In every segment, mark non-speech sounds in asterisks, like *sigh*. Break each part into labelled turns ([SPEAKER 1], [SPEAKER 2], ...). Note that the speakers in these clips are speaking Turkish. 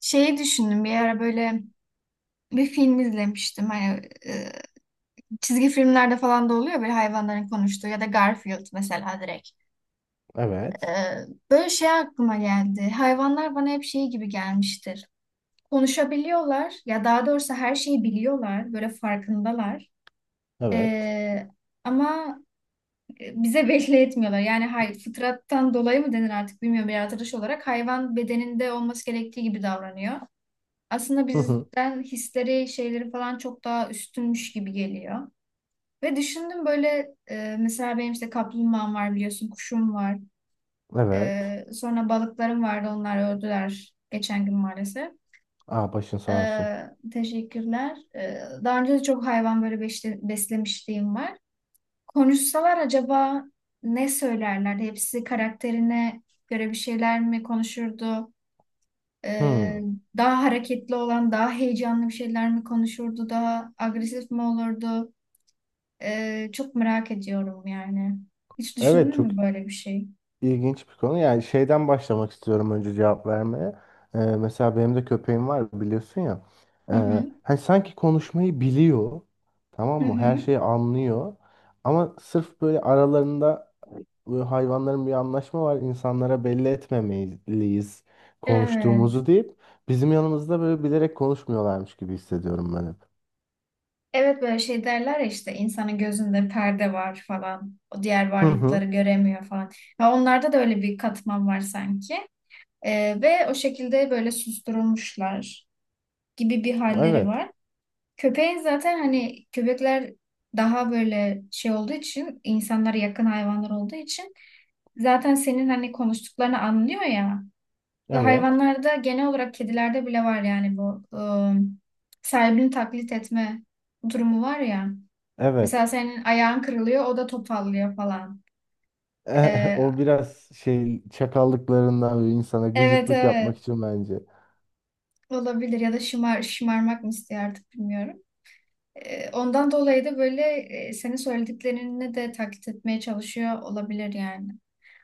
[SPEAKER 1] Şeyi düşündüm bir ara böyle bir film izlemiştim. Hani çizgi filmlerde falan da oluyor böyle hayvanların konuştuğu ya da Garfield mesela direkt. E,
[SPEAKER 2] Evet.
[SPEAKER 1] böyle şey aklıma geldi. Hayvanlar bana hep şey gibi gelmiştir. Konuşabiliyorlar ya daha doğrusu her şeyi biliyorlar. Böyle farkındalar.
[SPEAKER 2] Evet.
[SPEAKER 1] E, ama bize *laughs* belli etmiyorlar. Yani fıtrattan dolayı mı denir artık bilmiyorum. Bir yaratılış olarak hayvan bedeninde olması gerektiği gibi davranıyor. Aslında
[SPEAKER 2] Hı hı.
[SPEAKER 1] bizden hisleri, şeyleri falan çok daha üstünmüş gibi geliyor. Ve düşündüm böyle mesela benim işte kaplumbağam var biliyorsun, kuşum var.
[SPEAKER 2] Evet.
[SPEAKER 1] Sonra balıklarım vardı, onlar öldüler geçen gün maalesef.
[SPEAKER 2] Aa başın
[SPEAKER 1] E,
[SPEAKER 2] sağ olsun.
[SPEAKER 1] teşekkürler. Daha önce de çok hayvan böyle beslemişliğim var. Konuşsalar acaba ne söylerlerdi? Hepsi karakterine göre bir şeyler mi konuşurdu? Ee,
[SPEAKER 2] Hı.
[SPEAKER 1] daha hareketli olan, daha heyecanlı bir şeyler mi konuşurdu, daha agresif mi olurdu? Çok merak ediyorum yani. Hiç
[SPEAKER 2] Evet,
[SPEAKER 1] düşündün
[SPEAKER 2] çok
[SPEAKER 1] mü böyle bir şey?
[SPEAKER 2] ilginç bir konu. Yani şeyden başlamak istiyorum önce cevap vermeye. Mesela benim de köpeğim var biliyorsun ya. Ee,
[SPEAKER 1] Hı hı.
[SPEAKER 2] hani sanki konuşmayı biliyor. Tamam
[SPEAKER 1] Hı
[SPEAKER 2] mı? Her
[SPEAKER 1] hı.
[SPEAKER 2] şeyi anlıyor. Ama sırf böyle aralarında böyle hayvanların bir anlaşma var. İnsanlara belli etmemeliyiz
[SPEAKER 1] Evet.
[SPEAKER 2] konuştuğumuzu deyip bizim yanımızda böyle bilerek konuşmuyorlarmış gibi hissediyorum ben hep.
[SPEAKER 1] Evet böyle şey derler ya işte insanın gözünde perde var falan. O diğer
[SPEAKER 2] Hı
[SPEAKER 1] varlıkları
[SPEAKER 2] hı.
[SPEAKER 1] göremiyor falan. Ve onlarda da öyle bir katman var sanki. Ve o şekilde böyle susturulmuşlar gibi bir halleri
[SPEAKER 2] Evet.
[SPEAKER 1] var. Köpeğin zaten hani köpekler daha böyle şey olduğu için insanlara yakın hayvanlar olduğu için zaten senin hani konuştuklarını anlıyor ya ve
[SPEAKER 2] Evet.
[SPEAKER 1] hayvanlarda genel olarak kedilerde bile var yani bu sahibini taklit etme durumu var ya. Mesela
[SPEAKER 2] Evet. *laughs*
[SPEAKER 1] senin ayağın kırılıyor o da topallıyor falan. Ee,
[SPEAKER 2] O biraz şey çakallıklarından ve insana
[SPEAKER 1] evet
[SPEAKER 2] gıcıklık yapmak
[SPEAKER 1] evet
[SPEAKER 2] için bence.
[SPEAKER 1] olabilir ya da şımarmak mı istiyor artık bilmiyorum. Ondan dolayı da böyle senin söylediklerini de taklit etmeye çalışıyor olabilir yani.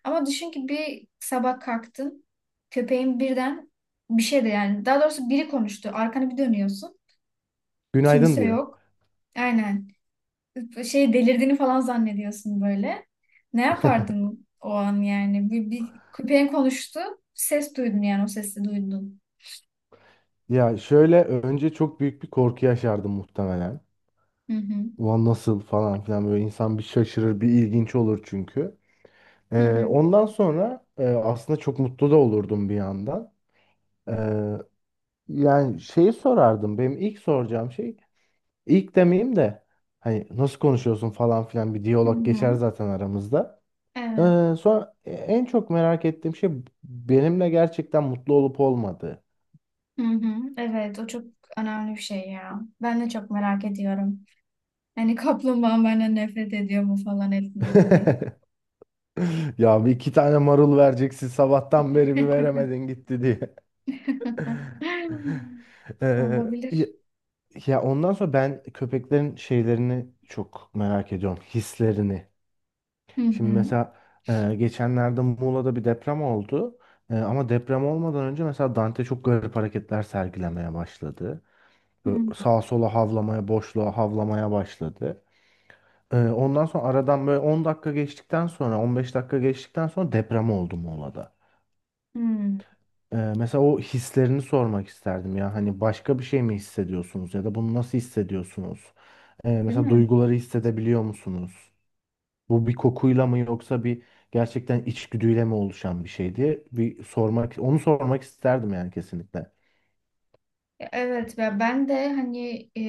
[SPEAKER 1] Ama düşün ki bir sabah kalktın, köpeğin birden bir şey de yani daha doğrusu biri konuştu. Arkana bir dönüyorsun,
[SPEAKER 2] Günaydın
[SPEAKER 1] kimse
[SPEAKER 2] diyor.
[SPEAKER 1] yok. Aynen. Şey delirdiğini falan zannediyorsun böyle. Ne yapardın o an yani? Bir köpeğin konuştu, ses duydun yani o sesi duydun.
[SPEAKER 2] Ya şöyle önce çok büyük bir korku yaşardım muhtemelen.
[SPEAKER 1] Hı hı.
[SPEAKER 2] Ulan nasıl falan filan, böyle insan bir şaşırır, bir ilginç olur çünkü.
[SPEAKER 1] Hı
[SPEAKER 2] Ee,
[SPEAKER 1] hı.
[SPEAKER 2] ondan sonra aslında çok mutlu da olurdum bir yandan. Ee, Yani şeyi sorardım. Benim ilk soracağım şey, ilk demeyeyim de, hani nasıl konuşuyorsun falan filan, bir
[SPEAKER 1] Hı
[SPEAKER 2] diyalog geçer
[SPEAKER 1] hı.
[SPEAKER 2] zaten aramızda.
[SPEAKER 1] Evet.
[SPEAKER 2] Sonra en çok merak ettiğim şey benimle gerçekten mutlu olup olmadığı.
[SPEAKER 1] Hı hı, evet o çok önemli bir şey ya. Ben de çok merak ediyorum. Hani *laughs* kaplumbağam benden nefret ediyor mu falan etmiyor mu diye.
[SPEAKER 2] *laughs* Ya bir iki tane marul vereceksin sabahtan beri, bir
[SPEAKER 1] *laughs*
[SPEAKER 2] veremedin gitti diye. *laughs* Ee, ya
[SPEAKER 1] Olabilir.
[SPEAKER 2] ya ondan sonra ben köpeklerin şeylerini çok merak ediyorum. Hislerini.
[SPEAKER 1] Hı
[SPEAKER 2] Şimdi
[SPEAKER 1] hı.
[SPEAKER 2] mesela geçenlerde Muğla'da bir deprem oldu. Ama deprem olmadan önce mesela Dante çok garip hareketler sergilemeye başladı.
[SPEAKER 1] Hı
[SPEAKER 2] Böyle sağa sola havlamaya, boşluğa havlamaya başladı. Ondan sonra aradan böyle 10 dakika geçtikten sonra, 15 dakika geçtikten sonra deprem oldu Muğla'da.
[SPEAKER 1] hı.
[SPEAKER 2] Mesela o hislerini sormak isterdim ya. Hani başka bir şey mi hissediyorsunuz, ya da bunu nasıl hissediyorsunuz?
[SPEAKER 1] Değil
[SPEAKER 2] Mesela
[SPEAKER 1] mi?
[SPEAKER 2] duyguları hissedebiliyor musunuz? Bu bir kokuyla mı, yoksa bir gerçekten içgüdüyle mi oluşan bir şey diye bir sormak, onu sormak isterdim yani kesinlikle.
[SPEAKER 1] Ya evet ve ben de hani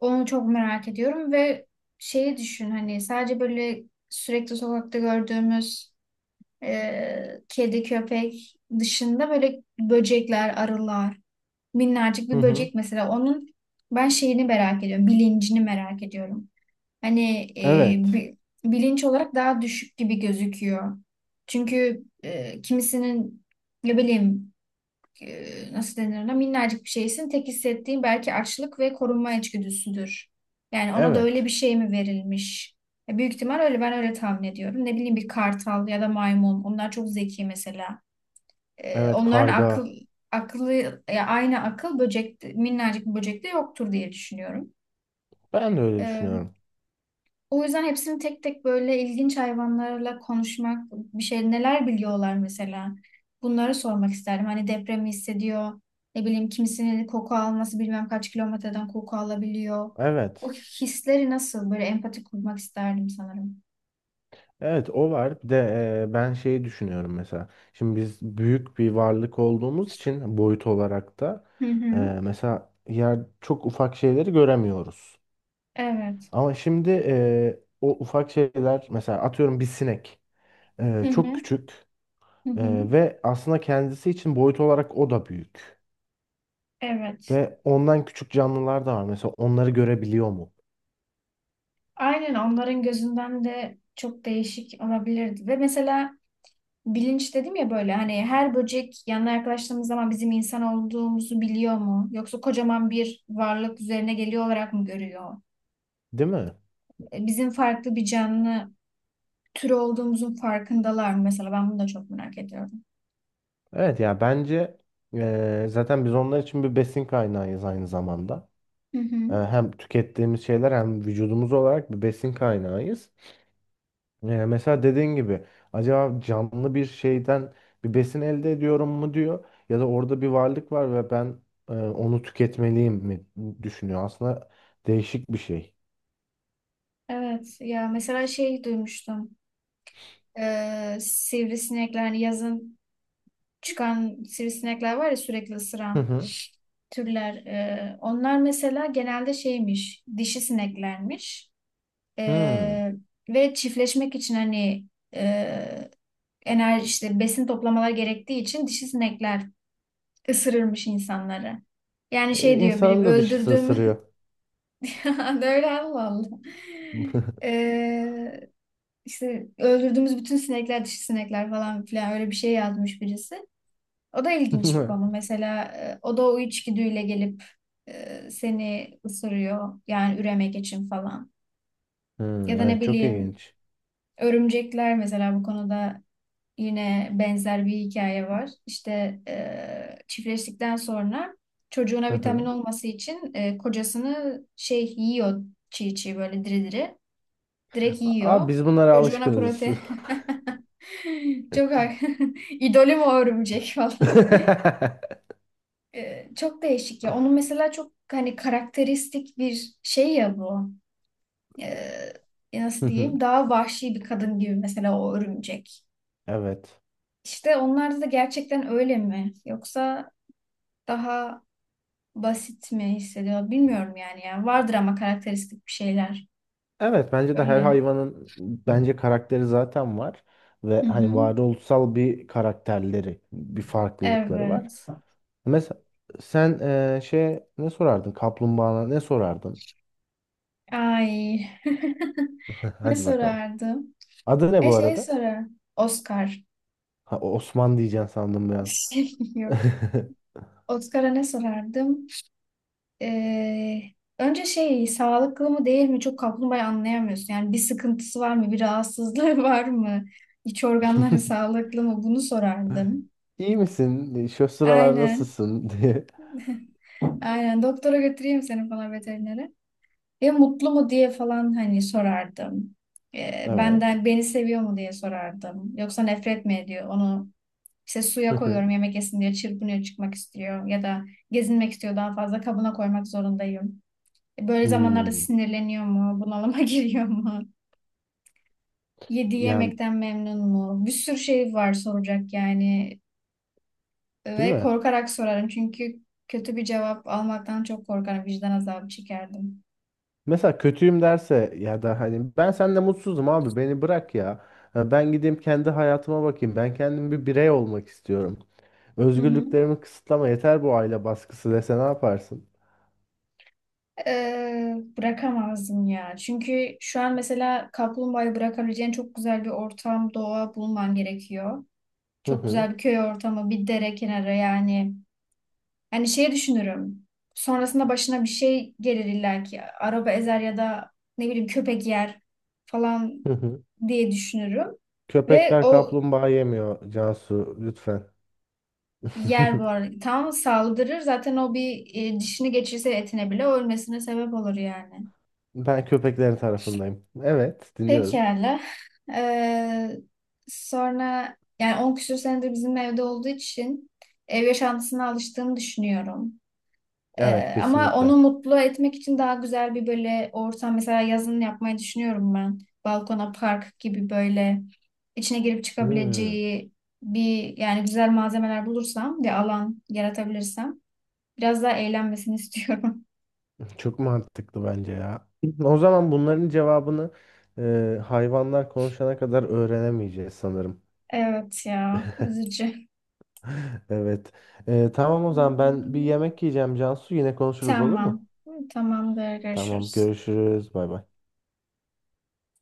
[SPEAKER 1] onu çok merak ediyorum ve şeyi düşün hani sadece böyle sürekli sokakta gördüğümüz kedi köpek dışında böyle böcekler, arılar minnacık
[SPEAKER 2] Hı
[SPEAKER 1] bir
[SPEAKER 2] hı.
[SPEAKER 1] böcek mesela onun ben şeyini merak ediyorum, bilincini merak ediyorum. Hani
[SPEAKER 2] Evet.
[SPEAKER 1] bi- bilinç olarak daha düşük gibi gözüküyor. Çünkü kimisinin ne bileyim e, nasıl denir ona minnacık bir şeysin tek hissettiğin belki açlık ve korunma içgüdüsüdür. Yani ona da öyle
[SPEAKER 2] Evet.
[SPEAKER 1] bir şey mi verilmiş? Ya büyük ihtimal öyle ben öyle tahmin ediyorum. Ne bileyim bir kartal ya da maymun onlar çok zeki mesela
[SPEAKER 2] Evet,
[SPEAKER 1] onların
[SPEAKER 2] karga.
[SPEAKER 1] akıllı ya aynı akıl böcek minnacık bir böcekte yoktur diye düşünüyorum.
[SPEAKER 2] Ben de öyle
[SPEAKER 1] E,
[SPEAKER 2] düşünüyorum.
[SPEAKER 1] o yüzden hepsini tek tek böyle ilginç hayvanlarla konuşmak, bir şey neler biliyorlar mesela. Bunları sormak isterdim. Hani depremi hissediyor. Ne bileyim kimisinin koku alması bilmem kaç kilometreden koku alabiliyor. O
[SPEAKER 2] Evet.
[SPEAKER 1] hisleri nasıl böyle empati kurmak isterdim sanırım.
[SPEAKER 2] Evet, o var. Bir de ben şeyi düşünüyorum mesela. Şimdi biz büyük bir varlık olduğumuz için boyut olarak da
[SPEAKER 1] Hı hı.
[SPEAKER 2] mesela yer çok ufak şeyleri göremiyoruz.
[SPEAKER 1] Evet.
[SPEAKER 2] Ama şimdi o ufak şeyler mesela atıyorum bir sinek.
[SPEAKER 1] Hı
[SPEAKER 2] Çok
[SPEAKER 1] hı.
[SPEAKER 2] küçük.
[SPEAKER 1] Hı hı.
[SPEAKER 2] Ve aslında kendisi için boyut olarak o da büyük.
[SPEAKER 1] Evet.
[SPEAKER 2] Ve ondan küçük canlılar da var. Mesela onları görebiliyor mu?
[SPEAKER 1] Aynen onların gözünden de çok değişik olabilirdi. Ve mesela bilinç dedim ya böyle hani her böcek yanına yaklaştığımız zaman bizim insan olduğumuzu biliyor mu? Yoksa kocaman bir varlık üzerine geliyor olarak mı görüyor?
[SPEAKER 2] Değil mi?
[SPEAKER 1] Bizim farklı bir canlı türü olduğumuzun farkındalar mı? Mesela ben bunu da çok merak ediyorum.
[SPEAKER 2] Evet, ya bence zaten biz onlar için bir besin kaynağıyız aynı zamanda.
[SPEAKER 1] Hı hı.
[SPEAKER 2] Hem tükettiğimiz şeyler hem vücudumuz olarak bir besin kaynağıyız. Mesela dediğin gibi acaba canlı bir şeyden bir besin elde ediyorum mu diyor, ya da orada bir varlık var ve ben onu tüketmeliyim mi düşünüyor. Aslında değişik bir şey.
[SPEAKER 1] Evet ya mesela şey duymuştum. Sivrisinekler hani yazın çıkan sivrisinekler var ya sürekli
[SPEAKER 2] Hı
[SPEAKER 1] ısıran
[SPEAKER 2] hı.
[SPEAKER 1] türler. Onlar mesela genelde şeymiş, dişi sineklermiş.
[SPEAKER 2] Hmm.
[SPEAKER 1] E, ve çiftleşmek için hani e, enerji işte besin toplamalar gerektiği için dişi sinekler ısırırmış insanları. Yani şey diyor biri
[SPEAKER 2] İnsanın da dişisi
[SPEAKER 1] öldürdüğüm
[SPEAKER 2] ısırıyor.
[SPEAKER 1] *laughs* böyle Allah Allah.
[SPEAKER 2] *laughs*
[SPEAKER 1] Ee, işte öldürdüğümüz bütün sinekler dişi sinekler falan filan öyle bir şey yazmış birisi. O da ilginç bir konu. Mesela o da o içgüdüyle gelip seni ısırıyor. Yani üremek için falan. Ya
[SPEAKER 2] Hmm,
[SPEAKER 1] da ne
[SPEAKER 2] evet, çok
[SPEAKER 1] bileyim
[SPEAKER 2] ilginç.
[SPEAKER 1] örümcekler mesela bu konuda yine benzer bir hikaye var. İşte çiftleştikten sonra çocuğuna
[SPEAKER 2] Hı
[SPEAKER 1] vitamin
[SPEAKER 2] hı.
[SPEAKER 1] olması için kocasını şey yiyor çiğ çiğ böyle diri diri. Direkt yiyor.
[SPEAKER 2] Abi biz bunlara
[SPEAKER 1] Çocuğuna
[SPEAKER 2] alışkınız.
[SPEAKER 1] protein.
[SPEAKER 2] *laughs*
[SPEAKER 1] *laughs* Çok *laughs* idolüm o örümcek. Çok değişik ya. Onun mesela çok hani karakteristik bir şey ya bu. Ee, nasıl
[SPEAKER 2] Hı hı.
[SPEAKER 1] diyeyim? Daha vahşi bir kadın gibi mesela o örümcek.
[SPEAKER 2] Evet.
[SPEAKER 1] İşte onlarda da gerçekten öyle mi? Yoksa daha basit mi hissediyor? Bilmiyorum yani ya. Vardır ama karakteristik bir şeyler.
[SPEAKER 2] Evet, bence de her
[SPEAKER 1] Öyle.
[SPEAKER 2] hayvanın, bence karakteri zaten var ve
[SPEAKER 1] Hı
[SPEAKER 2] hani
[SPEAKER 1] hı.
[SPEAKER 2] varoluşsal bir karakterleri, bir farklılıkları var.
[SPEAKER 1] Evet.
[SPEAKER 2] Mesela sen şey, ne sorardın? Kaplumbağana ne sorardın?
[SPEAKER 1] Ay
[SPEAKER 2] *laughs*
[SPEAKER 1] ne
[SPEAKER 2] Hadi bakalım.
[SPEAKER 1] sorardım?
[SPEAKER 2] Adı ne
[SPEAKER 1] Ne
[SPEAKER 2] bu
[SPEAKER 1] şey
[SPEAKER 2] arada?
[SPEAKER 1] sorar? Oscar.
[SPEAKER 2] Ha, Osman diyeceksin sandım
[SPEAKER 1] *laughs* Yok. Oscar'a ne sorardım? Ee, önce şey sağlıklı mı değil mi çok kaplumbağayı anlayamıyorsun. Yani bir sıkıntısı var mı, bir rahatsızlığı *laughs* var mı, iç organları
[SPEAKER 2] ben.
[SPEAKER 1] sağlıklı mı bunu sorardım.
[SPEAKER 2] *laughs* İyi misin? Şu sıralar
[SPEAKER 1] Aynen,
[SPEAKER 2] nasılsın *laughs* diye.
[SPEAKER 1] aynen doktora götüreyim seni falan veterinere. Ya mutlu mu diye falan hani sorardım.
[SPEAKER 2] Evet.
[SPEAKER 1] Benden beni seviyor mu diye sorardım. Yoksa nefret mi ediyor? Onu işte
[SPEAKER 2] Hı
[SPEAKER 1] suya
[SPEAKER 2] hı.
[SPEAKER 1] koyuyorum yemek yesin diye çırpınıyor çıkmak istiyor. Ya da gezinmek istiyor daha fazla kabına koymak zorundayım. Böyle zamanlarda
[SPEAKER 2] Hmm.
[SPEAKER 1] sinirleniyor mu? Bunalıma *laughs* giriyor mu? Yediği
[SPEAKER 2] Yani
[SPEAKER 1] yemekten memnun mu? Bir sürü şey var soracak yani.
[SPEAKER 2] değil
[SPEAKER 1] Ve
[SPEAKER 2] mi?
[SPEAKER 1] korkarak sorarım çünkü kötü bir cevap almaktan çok korkarım. Vicdan azabı çekerdim.
[SPEAKER 2] Mesela kötüyüm derse, ya da hani ben seninle mutsuzum abi, beni bırak ya. Ya ben gideyim kendi hayatıma bakayım. Ben kendim bir birey olmak istiyorum.
[SPEAKER 1] Hı hı.
[SPEAKER 2] Özgürlüklerimi kısıtlama, yeter bu aile baskısı dese ne yaparsın?
[SPEAKER 1] Bırakamazdım ya. Çünkü şu an mesela kaplumbağayı bırakabileceğin çok güzel bir ortam, doğa bulman gerekiyor.
[SPEAKER 2] Hı
[SPEAKER 1] Çok
[SPEAKER 2] hı.
[SPEAKER 1] güzel bir köy ortamı, bir dere kenarı yani. Yani şey düşünürüm. Sonrasında başına bir şey gelir illa ki. Araba ezer ya da ne bileyim köpek yer falan
[SPEAKER 2] Hı hı.
[SPEAKER 1] diye düşünürüm. Ve
[SPEAKER 2] Köpekler
[SPEAKER 1] o
[SPEAKER 2] kaplumbağa yemiyor Cansu, lütfen.
[SPEAKER 1] yer bu
[SPEAKER 2] *laughs*
[SPEAKER 1] arada tam saldırır. Zaten o bir dişini geçirse etine bile ölmesine sebep olur yani.
[SPEAKER 2] Ben köpeklerin tarafındayım. Evet, dinliyorum.
[SPEAKER 1] Pekala. *laughs* Ee, sonra yani 10 küsur senedir bizim evde olduğu için ev yaşantısına alıştığımı düşünüyorum.
[SPEAKER 2] Evet,
[SPEAKER 1] Ama onu
[SPEAKER 2] kesinlikle.
[SPEAKER 1] mutlu etmek için daha güzel bir böyle ortam mesela yazın yapmayı düşünüyorum ben. Balkona park gibi böyle içine girip
[SPEAKER 2] Hmm.
[SPEAKER 1] çıkabileceği bir yani güzel malzemeler bulursam ve alan yaratabilirsem biraz daha eğlenmesini *laughs* istiyorum.
[SPEAKER 2] Çok mantıklı bence ya. *clears throat* O zaman bunların cevabını hayvanlar konuşana kadar öğrenemeyeceğiz sanırım.
[SPEAKER 1] Evet ya üzücü.
[SPEAKER 2] *laughs* Evet. Tamam, o zaman ben bir yemek yiyeceğim Cansu. Yine konuşuruz, olur mu?
[SPEAKER 1] Tamam. Tamamdır
[SPEAKER 2] Tamam,
[SPEAKER 1] görüşürüz.
[SPEAKER 2] görüşürüz. Bay bay.